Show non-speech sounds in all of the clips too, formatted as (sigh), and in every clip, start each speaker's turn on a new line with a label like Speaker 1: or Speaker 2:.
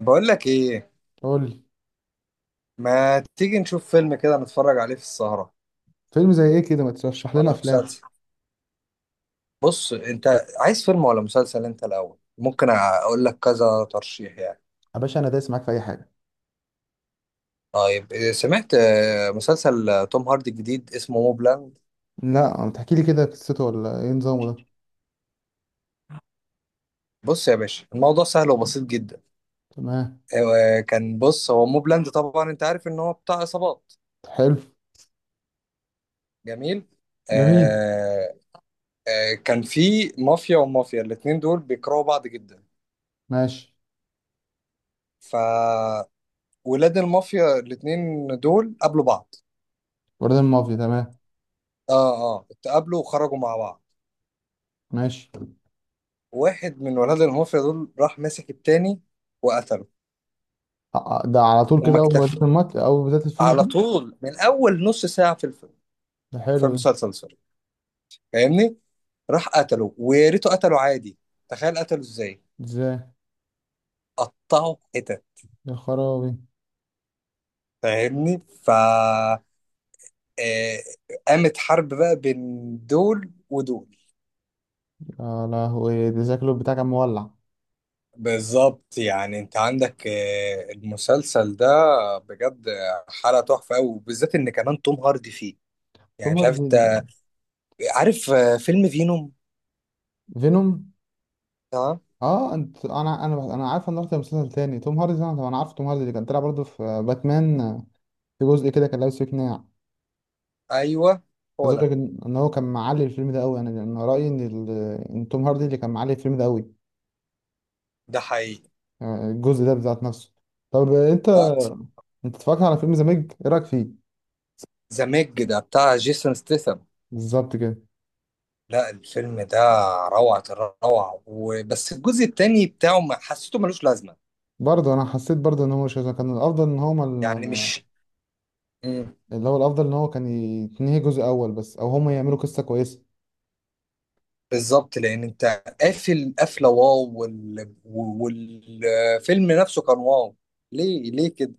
Speaker 1: بقول لك ايه؟
Speaker 2: قول لي.
Speaker 1: ما تيجي نشوف فيلم كده نتفرج عليه في السهرة،
Speaker 2: فيلم زي ايه كده؟ ما ترشح لنا
Speaker 1: أو
Speaker 2: افلام.
Speaker 1: مسلسل؟ بص انت، عايز فيلم ولا مسلسل انت الاول؟ ممكن اقول لك كذا ترشيح يعني.
Speaker 2: يا باشا، انا دايس معاك في اي حاجه.
Speaker 1: طيب، إيه، سمعت مسلسل توم هاردي الجديد اسمه موبلاند.
Speaker 2: لا، ما تحكي لي كده قصته ولا ايه نظامه ده؟
Speaker 1: بص يا باشا، الموضوع سهل وبسيط جدا.
Speaker 2: تمام.
Speaker 1: آه، كان بص، هو موبلاند طبعا انت عارف ان هو بتاع عصابات.
Speaker 2: حلو.
Speaker 1: جميل.
Speaker 2: جميل.
Speaker 1: آه. كان في مافيا ومافيا، الاتنين دول بيكرهوا بعض جدا.
Speaker 2: ماشي.
Speaker 1: ف ولاد المافيا الاتنين دول قابلوا بعض.
Speaker 2: وردان مافيا، تمام.
Speaker 1: اه اتقابلوا وخرجوا مع بعض.
Speaker 2: ماشي.
Speaker 1: واحد من ولاد المافيا دول راح ماسك التاني وقتله.
Speaker 2: ده على طول
Speaker 1: وما
Speaker 2: كده اول ما
Speaker 1: اكتفى،
Speaker 2: بداية اول بداية الفيلم
Speaker 1: على
Speaker 2: كده؟
Speaker 1: طول من اول نص ساعة في الفيلم،
Speaker 2: ده
Speaker 1: في
Speaker 2: حلو ده.
Speaker 1: المسلسل سوري، فاهمني؟ راح قتله، ويا ريته قتله عادي. تخيل قتله ازاي؟
Speaker 2: ازاي؟
Speaker 1: قطعه حتت،
Speaker 2: يا خرابي.
Speaker 1: فاهمني؟ ف آه، قامت حرب بقى بين دول ودول.
Speaker 2: يا لهوي، ده شكله بتاع كان مولع.
Speaker 1: بالظبط يعني، انت عندك المسلسل ده بجد حلقة تحفة قوي، وبالذات ان كمان توم هاردي فيه. يعني
Speaker 2: توم
Speaker 1: مش عارف انت،
Speaker 2: هاردي.
Speaker 1: عارف فيلم فينوم؟
Speaker 2: فينوم.
Speaker 1: تمام.
Speaker 2: اه، انت انا عارف ان رحت مسلسل تاني توم هاردي ده، انا عارف توم هاردي اللي كان طلع برضه في باتمان. في جزء كده كان لابس فيه قناع.
Speaker 1: ايوه، هو
Speaker 2: عايز اقول
Speaker 1: ده.
Speaker 2: لك ان هو كان معلي الفيلم ده قوي، يعني انا رايي ان توم هاردي اللي كان معلي الفيلم ده قوي.
Speaker 1: ده حقيقي.
Speaker 2: الجزء ده بذات نفسه. طب انت
Speaker 1: لا.
Speaker 2: انت اتفرجت على فيلم ذا ميج؟ ايه رايك فيه؟
Speaker 1: ذا ميج ده بتاع جيسون ستيثم.
Speaker 2: بالظبط كده.
Speaker 1: لا، الفيلم ده روعة الروعة، وبس الجزء التاني بتاعه ما حسيته ملوش لازمة.
Speaker 2: برضه انا حسيت برضه ان هو مش كان الافضل،
Speaker 1: يعني مش.
Speaker 2: اللي هو الافضل ان هو كان يتنهي جزء اول بس، او هما يعملوا قصه كويسه.
Speaker 1: بالضبط، لأن أنت قافل قفلة واو، والفيلم نفسه كان واو. ليه كده؟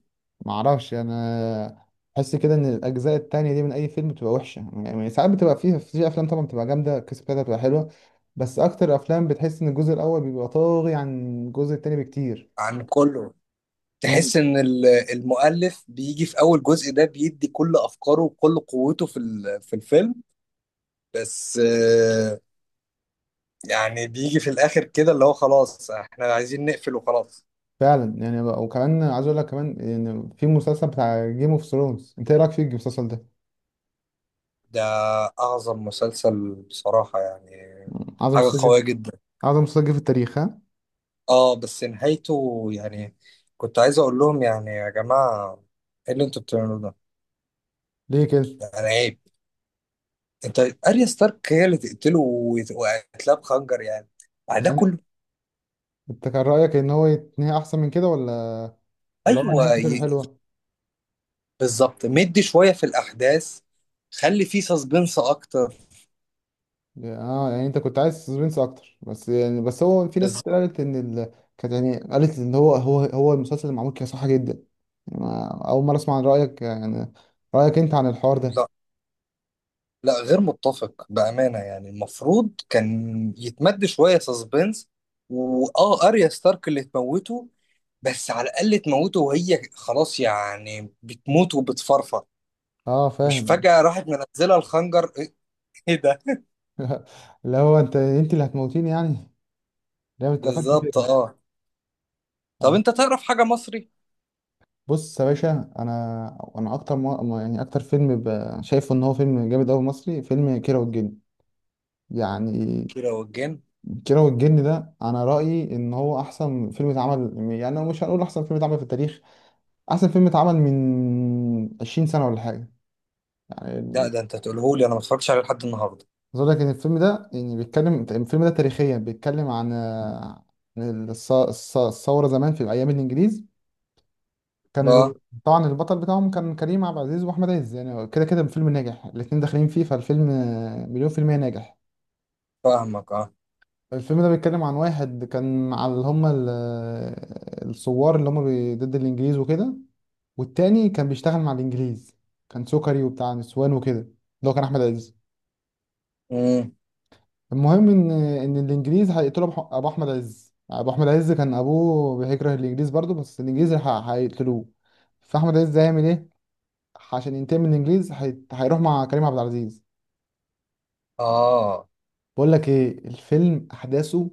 Speaker 2: معرفش انا. بحس كده ان الاجزاء التانية دي من اي فيلم بتبقى وحشه. يعني ساعات بتبقى فيها في افلام طبعا بتبقى جامده، القصه بتاعتها بتبقى حلوه. بس اكتر افلام بتحس ان الجزء الاول بيبقى طاغي عن الجزء التاني بكتير.
Speaker 1: عن كله.
Speaker 2: مم.
Speaker 1: تحس إن المؤلف بيجي في أول جزء ده بيدي كل أفكاره وكل قوته في الفيلم. بس يعني بيجي في الآخر كده، اللي هو خلاص إحنا عايزين نقفل وخلاص.
Speaker 2: فعلا، يعني وكمان عايز اقول لك كمان ان في مسلسل بتاع جيم اوف ثرونز، انت ايه رايك في المسلسل ده؟
Speaker 1: ده أعظم مسلسل بصراحة يعني.
Speaker 2: اعظم
Speaker 1: حاجة قوية
Speaker 2: مسلسل؟
Speaker 1: جدا.
Speaker 2: اعظم مسلسل في التاريخ ها؟
Speaker 1: اه، بس نهايته يعني، كنت عايز اقول لهم يعني، يا جماعه، ايه اللي انتوا بتعملوه ده؟
Speaker 2: ليه كده؟
Speaker 1: يعني عيب. انت. اريا ستارك هي اللي تقتله، وقتلها بخنجر يعني، بعد ده
Speaker 2: يعني
Speaker 1: كله؟
Speaker 2: انت كان رايك ان هو يتنهي احسن من كده، ولا هو
Speaker 1: ايوه
Speaker 2: نهايته
Speaker 1: ي...
Speaker 2: كده حلوه؟
Speaker 1: بالظبط، مدي شويه في الاحداث، خلي فيه سسبنس اكتر.
Speaker 2: اه، يعني انت كنت عايز سسبنس اكتر. بس هو في ناس كتير
Speaker 1: بالظبط.
Speaker 2: قالت كانت يعني قالت ان هو المسلسل اللي معمول كده صح جدا. يعني اول مره اسمع عن رايك، يعني رايك انت عن الحوار ده.
Speaker 1: لا لا، غير متفق بامانه، يعني المفروض كان يتمد شويه سسبنس. واه، اريا ستارك اللي تموته، بس على الاقل تموته وهي خلاص، يعني بتموت وبتفرفر،
Speaker 2: اه،
Speaker 1: مش
Speaker 2: فاهم.
Speaker 1: فجأة راحت منزلة الخنجر (laughs) ايه ده؟
Speaker 2: (laughs) اللي هو انت اللي هتموتيني يعني. ليه ما اتقفلت
Speaker 1: بالظبط
Speaker 2: كده؟
Speaker 1: اه. طب
Speaker 2: آه.
Speaker 1: انت تعرف حاجة مصري؟
Speaker 2: بص يا باشا، انا اكتر يعني اكتر فيلم شايفه ان هو فيلم جامد قوي مصري، فيلم كيرة والجن. يعني
Speaker 1: كيرة والجن.
Speaker 2: كيرة والجن ده انا رايي ان هو احسن فيلم اتعمل. يعني مش هنقول احسن فيلم اتعمل في التاريخ، احسن فيلم اتعمل من 20 سنه ولا حاجه. يعني
Speaker 1: لا، ده انت تقولهولي، انا ما اتفرجتش عليه لحد النهارده.
Speaker 2: عايز اقول لك ان الفيلم ده يعني بيتكلم، الفيلم ده تاريخيا بيتكلم عن عن الثوره زمان في ايام الانجليز. كان ال-
Speaker 1: اه،
Speaker 2: طبعا البطل بتاعهم كان كريم عبد العزيز واحمد عز، يعني كده كده الفيلم ناجح، الاتنين داخلين فيه. فالفيلم مليون في المية ناجح.
Speaker 1: فاهمك اه.
Speaker 2: الفيلم ده بيتكلم عن واحد كان مع اللي هم الثوار، اللي هم ضد الانجليز وكده. والتاني كان بيشتغل مع الانجليز، كان سكري وبتاع نسوان وكده، اللي هو كان احمد عز.
Speaker 1: امم.
Speaker 2: المهم ان الانجليز هيقتلوا ابو احمد عز. ابو احمد عز كان ابوه بيكره الانجليز برضه، بس الانجليز هيقتلوه. فاحمد عز هيعمل ايه؟ عشان ينتقم من الانجليز هيروح مع كريم عبد العزيز.
Speaker 1: اه،
Speaker 2: بقول لك ايه، الفيلم احداثه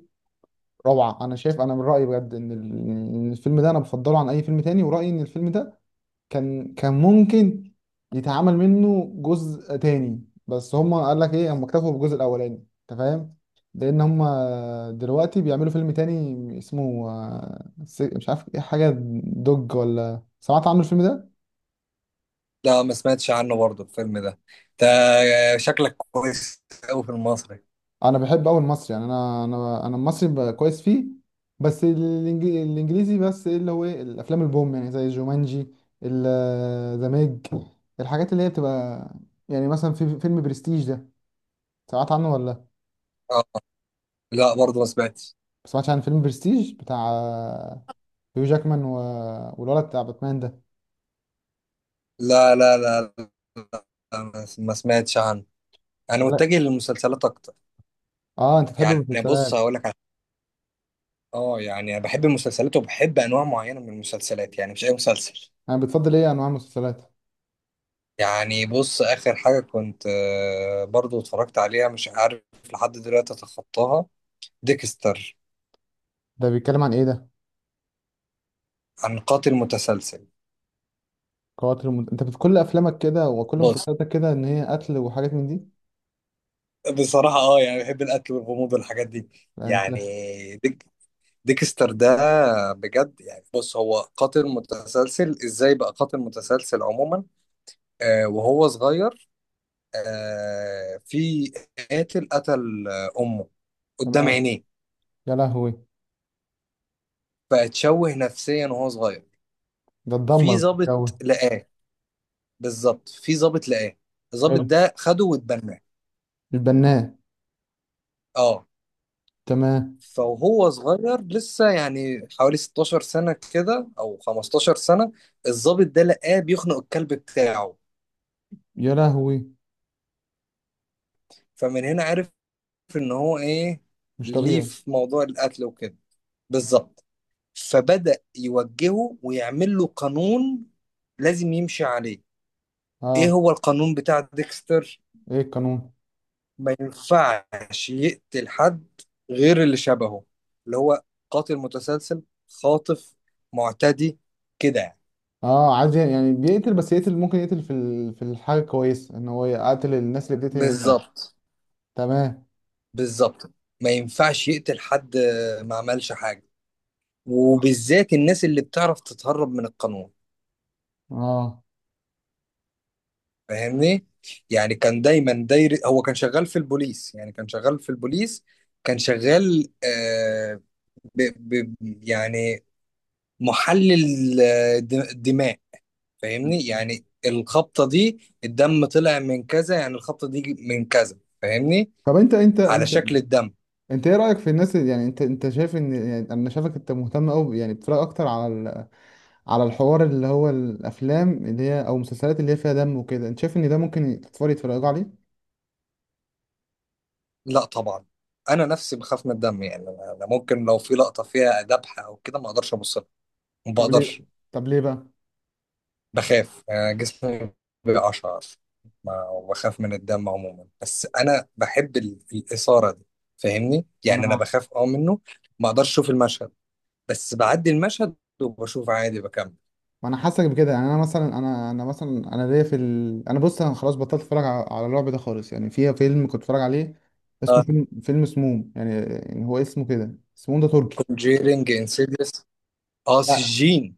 Speaker 2: روعه. انا شايف، انا من رايي بجد إن الفيلم ده انا بفضله عن اي فيلم تاني، ورايي ان الفيلم ده كان ممكن يتعمل منه جزء تاني، بس هما قال لك ايه، هما اكتفوا بالجزء الاولاني. انت فاهم؟ لان هما دلوقتي بيعملوا فيلم تاني اسمه مش عارف ايه حاجه، دوج، ولا سمعت عنه الفيلم ده؟
Speaker 1: لا ما سمعتش عنه برضه الفيلم ده. انت شكلك كويس قوي في المصري.
Speaker 2: انا بحب قوي المصري، يعني انا المصري كويس فيه. بس الانجليزي، بس ايه اللي هو ايه الافلام البوم يعني، زي جومانجي، ذا ميج، الحاجات اللي هي بتبقى. يعني مثلا في فيلم برستيج ده، سمعت عنه ولا
Speaker 1: اه. لا، برضه ما سمعتش.
Speaker 2: سمعتش؟ عن فيلم برستيج بتاع هيو جاكمان والولد بتاع باتمان ده؟
Speaker 1: لا، لا، لا، لا، لا، ما سمعتش عنه. انا
Speaker 2: ولا.
Speaker 1: متجه للمسلسلات اكتر.
Speaker 2: اه، انت تحب
Speaker 1: يعني بص،
Speaker 2: المسلسلات.
Speaker 1: هقول لك. اه، يعني انا بحب المسلسلات، وبحب انواع معينه من المسلسلات، يعني مش اي مسلسل.
Speaker 2: انا بتفضل ايه انواع المسلسلات؟
Speaker 1: يعني بص، اخر حاجه كنت برضو اتفرجت عليها، مش عارف لحد دلوقتي اتخطاها، ديكستر.
Speaker 2: ده بيتكلم عن ايه ده؟
Speaker 1: عن قاتل متسلسل.
Speaker 2: قاتل كل افلامك كده وكل
Speaker 1: بص،
Speaker 2: مسلسلاتك كده، ان هي قتل وحاجات من دي.
Speaker 1: بصراحه اه، يعني بحب القتل والغموض والحاجات دي.
Speaker 2: لا
Speaker 1: يعني
Speaker 2: انت.
Speaker 1: ديك ديكستر ده بجد، يعني بص هو قاتل متسلسل. ازاي بقى قاتل متسلسل عموما؟ وهو صغير، في قاتل قتل امه قدام
Speaker 2: تمام.
Speaker 1: عينيه.
Speaker 2: يا لهوي.
Speaker 1: فاتشوه نفسيا وهو صغير.
Speaker 2: ده اتدمر.
Speaker 1: في
Speaker 2: الجو.
Speaker 1: ضابط لقاه. بالظبط، في ضابط لقاه. الضابط
Speaker 2: حلو.
Speaker 1: ده خده واتبناه.
Speaker 2: البناء.
Speaker 1: اه.
Speaker 2: تمام.
Speaker 1: فهو صغير لسه، يعني حوالي 16 سنة كده أو 15 سنة، الضابط ده لقاه بيخنق الكلب بتاعه.
Speaker 2: يا لهوي.
Speaker 1: فمن هنا عرف إن هو إيه،
Speaker 2: مش
Speaker 1: ليه
Speaker 2: طبيعي.
Speaker 1: في موضوع القتل وكده. بالظبط. فبدأ يوجهه ويعمل له قانون لازم يمشي عليه. إيه
Speaker 2: اه.
Speaker 1: هو القانون بتاع ديكستر؟
Speaker 2: ايه القانون؟
Speaker 1: ما ينفعش يقتل حد غير اللي شبهه، اللي هو قاتل متسلسل، خاطف، معتدي، كده يعني.
Speaker 2: اه، عايز يعني بيقتل، بس يقتل ممكن، يقتل في في الحاجه، كويس ان هو يقتل الناس اللي بتقتل الناس.
Speaker 1: بالظبط.
Speaker 2: تمام.
Speaker 1: بالظبط، ما ينفعش يقتل حد ما عملش حاجة، وبالذات الناس اللي بتعرف تتهرب من القانون،
Speaker 2: اه.
Speaker 1: فاهمني؟ يعني كان دايما داير، هو كان شغال في البوليس، يعني كان شغال في البوليس. كان شغال ب... ب... يعني محلل دماء، فاهمني؟ يعني الخبطة دي الدم طلع من كذا، يعني الخبطة دي من كذا، فاهمني؟
Speaker 2: طب انت انت
Speaker 1: على
Speaker 2: انت
Speaker 1: شكل الدم.
Speaker 2: انت ايه رايك في الناس يعني انت شايف ان، يعني انا شايفك انت مهتم قوي يعني بتتفرج اكتر على على الحوار، اللي هو الافلام اللي هي او المسلسلات اللي هي فيها دم وكده، انت شايف ان ده ممكن الاطفال يتفرجوا عليه؟
Speaker 1: لا طبعا، انا نفسي بخاف من الدم، يعني أنا ممكن لو في لقطة فيها ذبحة او كده ما اقدرش ابص لها. ما
Speaker 2: طب ليه؟
Speaker 1: بقدرش.
Speaker 2: طب ليه بقى؟
Speaker 1: بخاف، أنا جسمي بيقشعر، ما بخاف من الدم عموما، بس انا بحب الإثارة دي، فاهمني؟
Speaker 2: وانا
Speaker 1: يعني انا بخاف منه، ما اقدرش اشوف المشهد، بس بعدي المشهد وبشوف عادي بكمل.
Speaker 2: وانا حاسك بكده. يعني انا مثلا، انا مثلا انا ليا في انا، بص، انا خلاص بطلت اتفرج على الرعب ده خالص. يعني في فيلم كنت اتفرج عليه اسمه
Speaker 1: اه،
Speaker 2: فيلم سموم، يعني هو اسمه كده سموم، ده تركي.
Speaker 1: كونجيرنج، انسيديوس. اه،
Speaker 2: لا.
Speaker 1: سجين.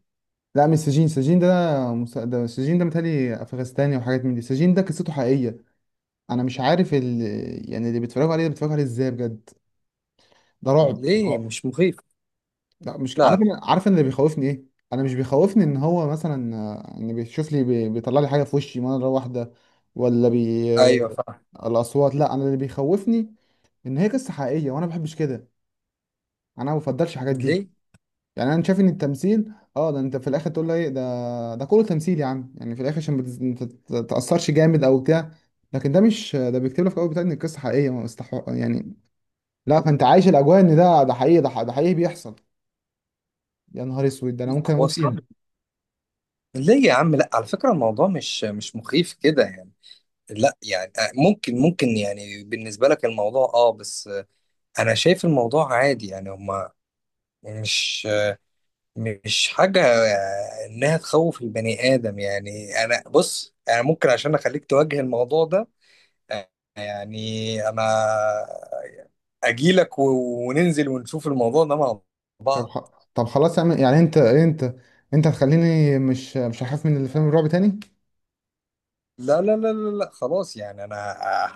Speaker 2: لا مش سجين، سجين ده ده سجين ده متهيألي أفغانستاني وحاجات من دي. سجين ده قصته حقيقية. أنا مش عارف يعني اللي بيتفرجوا عليه ده بيتفرجوا عليه إزاي بجد؟ ده رعب
Speaker 1: ليه،
Speaker 2: رعب.
Speaker 1: مش مخيف؟
Speaker 2: لا مش
Speaker 1: لا،
Speaker 2: عارف.
Speaker 1: لا.
Speaker 2: أنا عارف أنا اللي بيخوفني إيه. أنا مش بيخوفني إن هو مثلا إن بيشوف لي بيطلع لي حاجة في وشي مرة واحدة، ولا بي...
Speaker 1: ايوه،
Speaker 2: آه،
Speaker 1: فاهم.
Speaker 2: الأصوات. لا، أنا اللي بيخوفني إن هي قصة حقيقية، وأنا ما بحبش كده. أنا ما بفضلش الحاجات دي.
Speaker 1: ليه؟
Speaker 2: يعني انا شايف ان التمثيل، ده انت في الاخر تقول له ايه ده كله تمثيل يا عم، يعني في الاخر عشان ما تتاثرش جامد او بتاع. لكن ده مش، ده بيكتب لك في الاول بتاع ان القصه حقيقيه ما استحق يعني. لا، فانت عايش الاجواء ان ده حقيقي، ده حقيقي بيحصل. يا نهار اسود، ده انا
Speaker 1: لا،
Speaker 2: ممكن
Speaker 1: هو
Speaker 2: اموت فيها.
Speaker 1: صعب. ليه يا عم، لا، على فكره الموضوع مش مخيف كده يعني. لا يعني ممكن يعني، بالنسبه لك الموضوع بس انا شايف الموضوع عادي يعني، هما مش آه، مش حاجه انها تخوف البني ادم. يعني انا بص، انا ممكن عشان اخليك تواجه الموضوع ده آه، يعني انا اجيلك وننزل ونشوف الموضوع ده مع
Speaker 2: طب
Speaker 1: بعض.
Speaker 2: خ... طب خلاص يا عم، يعني انت انت هتخليني مش هخاف من الفيلم الرعب تاني.
Speaker 1: لا، لا، لا، لا، لا، خلاص يعني انا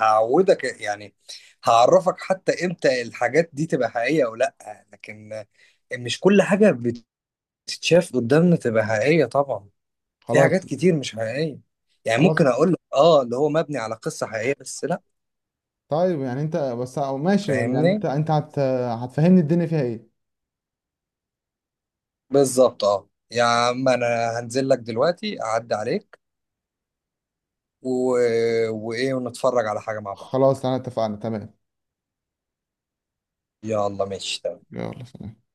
Speaker 1: هعودك يعني، هعرفك حتى امتى الحاجات دي تبقى حقيقية او لا. لكن مش كل حاجة بتتشاف قدامنا تبقى حقيقية طبعا، في حاجات
Speaker 2: خلاص.
Speaker 1: كتير مش حقيقية. يعني ممكن
Speaker 2: خلاص.
Speaker 1: اقول لك اللي هو مبني على قصة حقيقية، بس لا.
Speaker 2: طيب، يعني انت بس، أو ماشي، يعني انت
Speaker 1: فاهمني؟
Speaker 2: انت هتفهمني الدنيا فيها ايه.
Speaker 1: بالظبط اه، يا عم انا هنزل لك دلوقتي اعدي عليك و... وايه، ونتفرج على حاجة مع بعض.
Speaker 2: خلاص، انا اتفقنا. تمام.
Speaker 1: يلا ماشي، تمام.
Speaker 2: يلا سلام.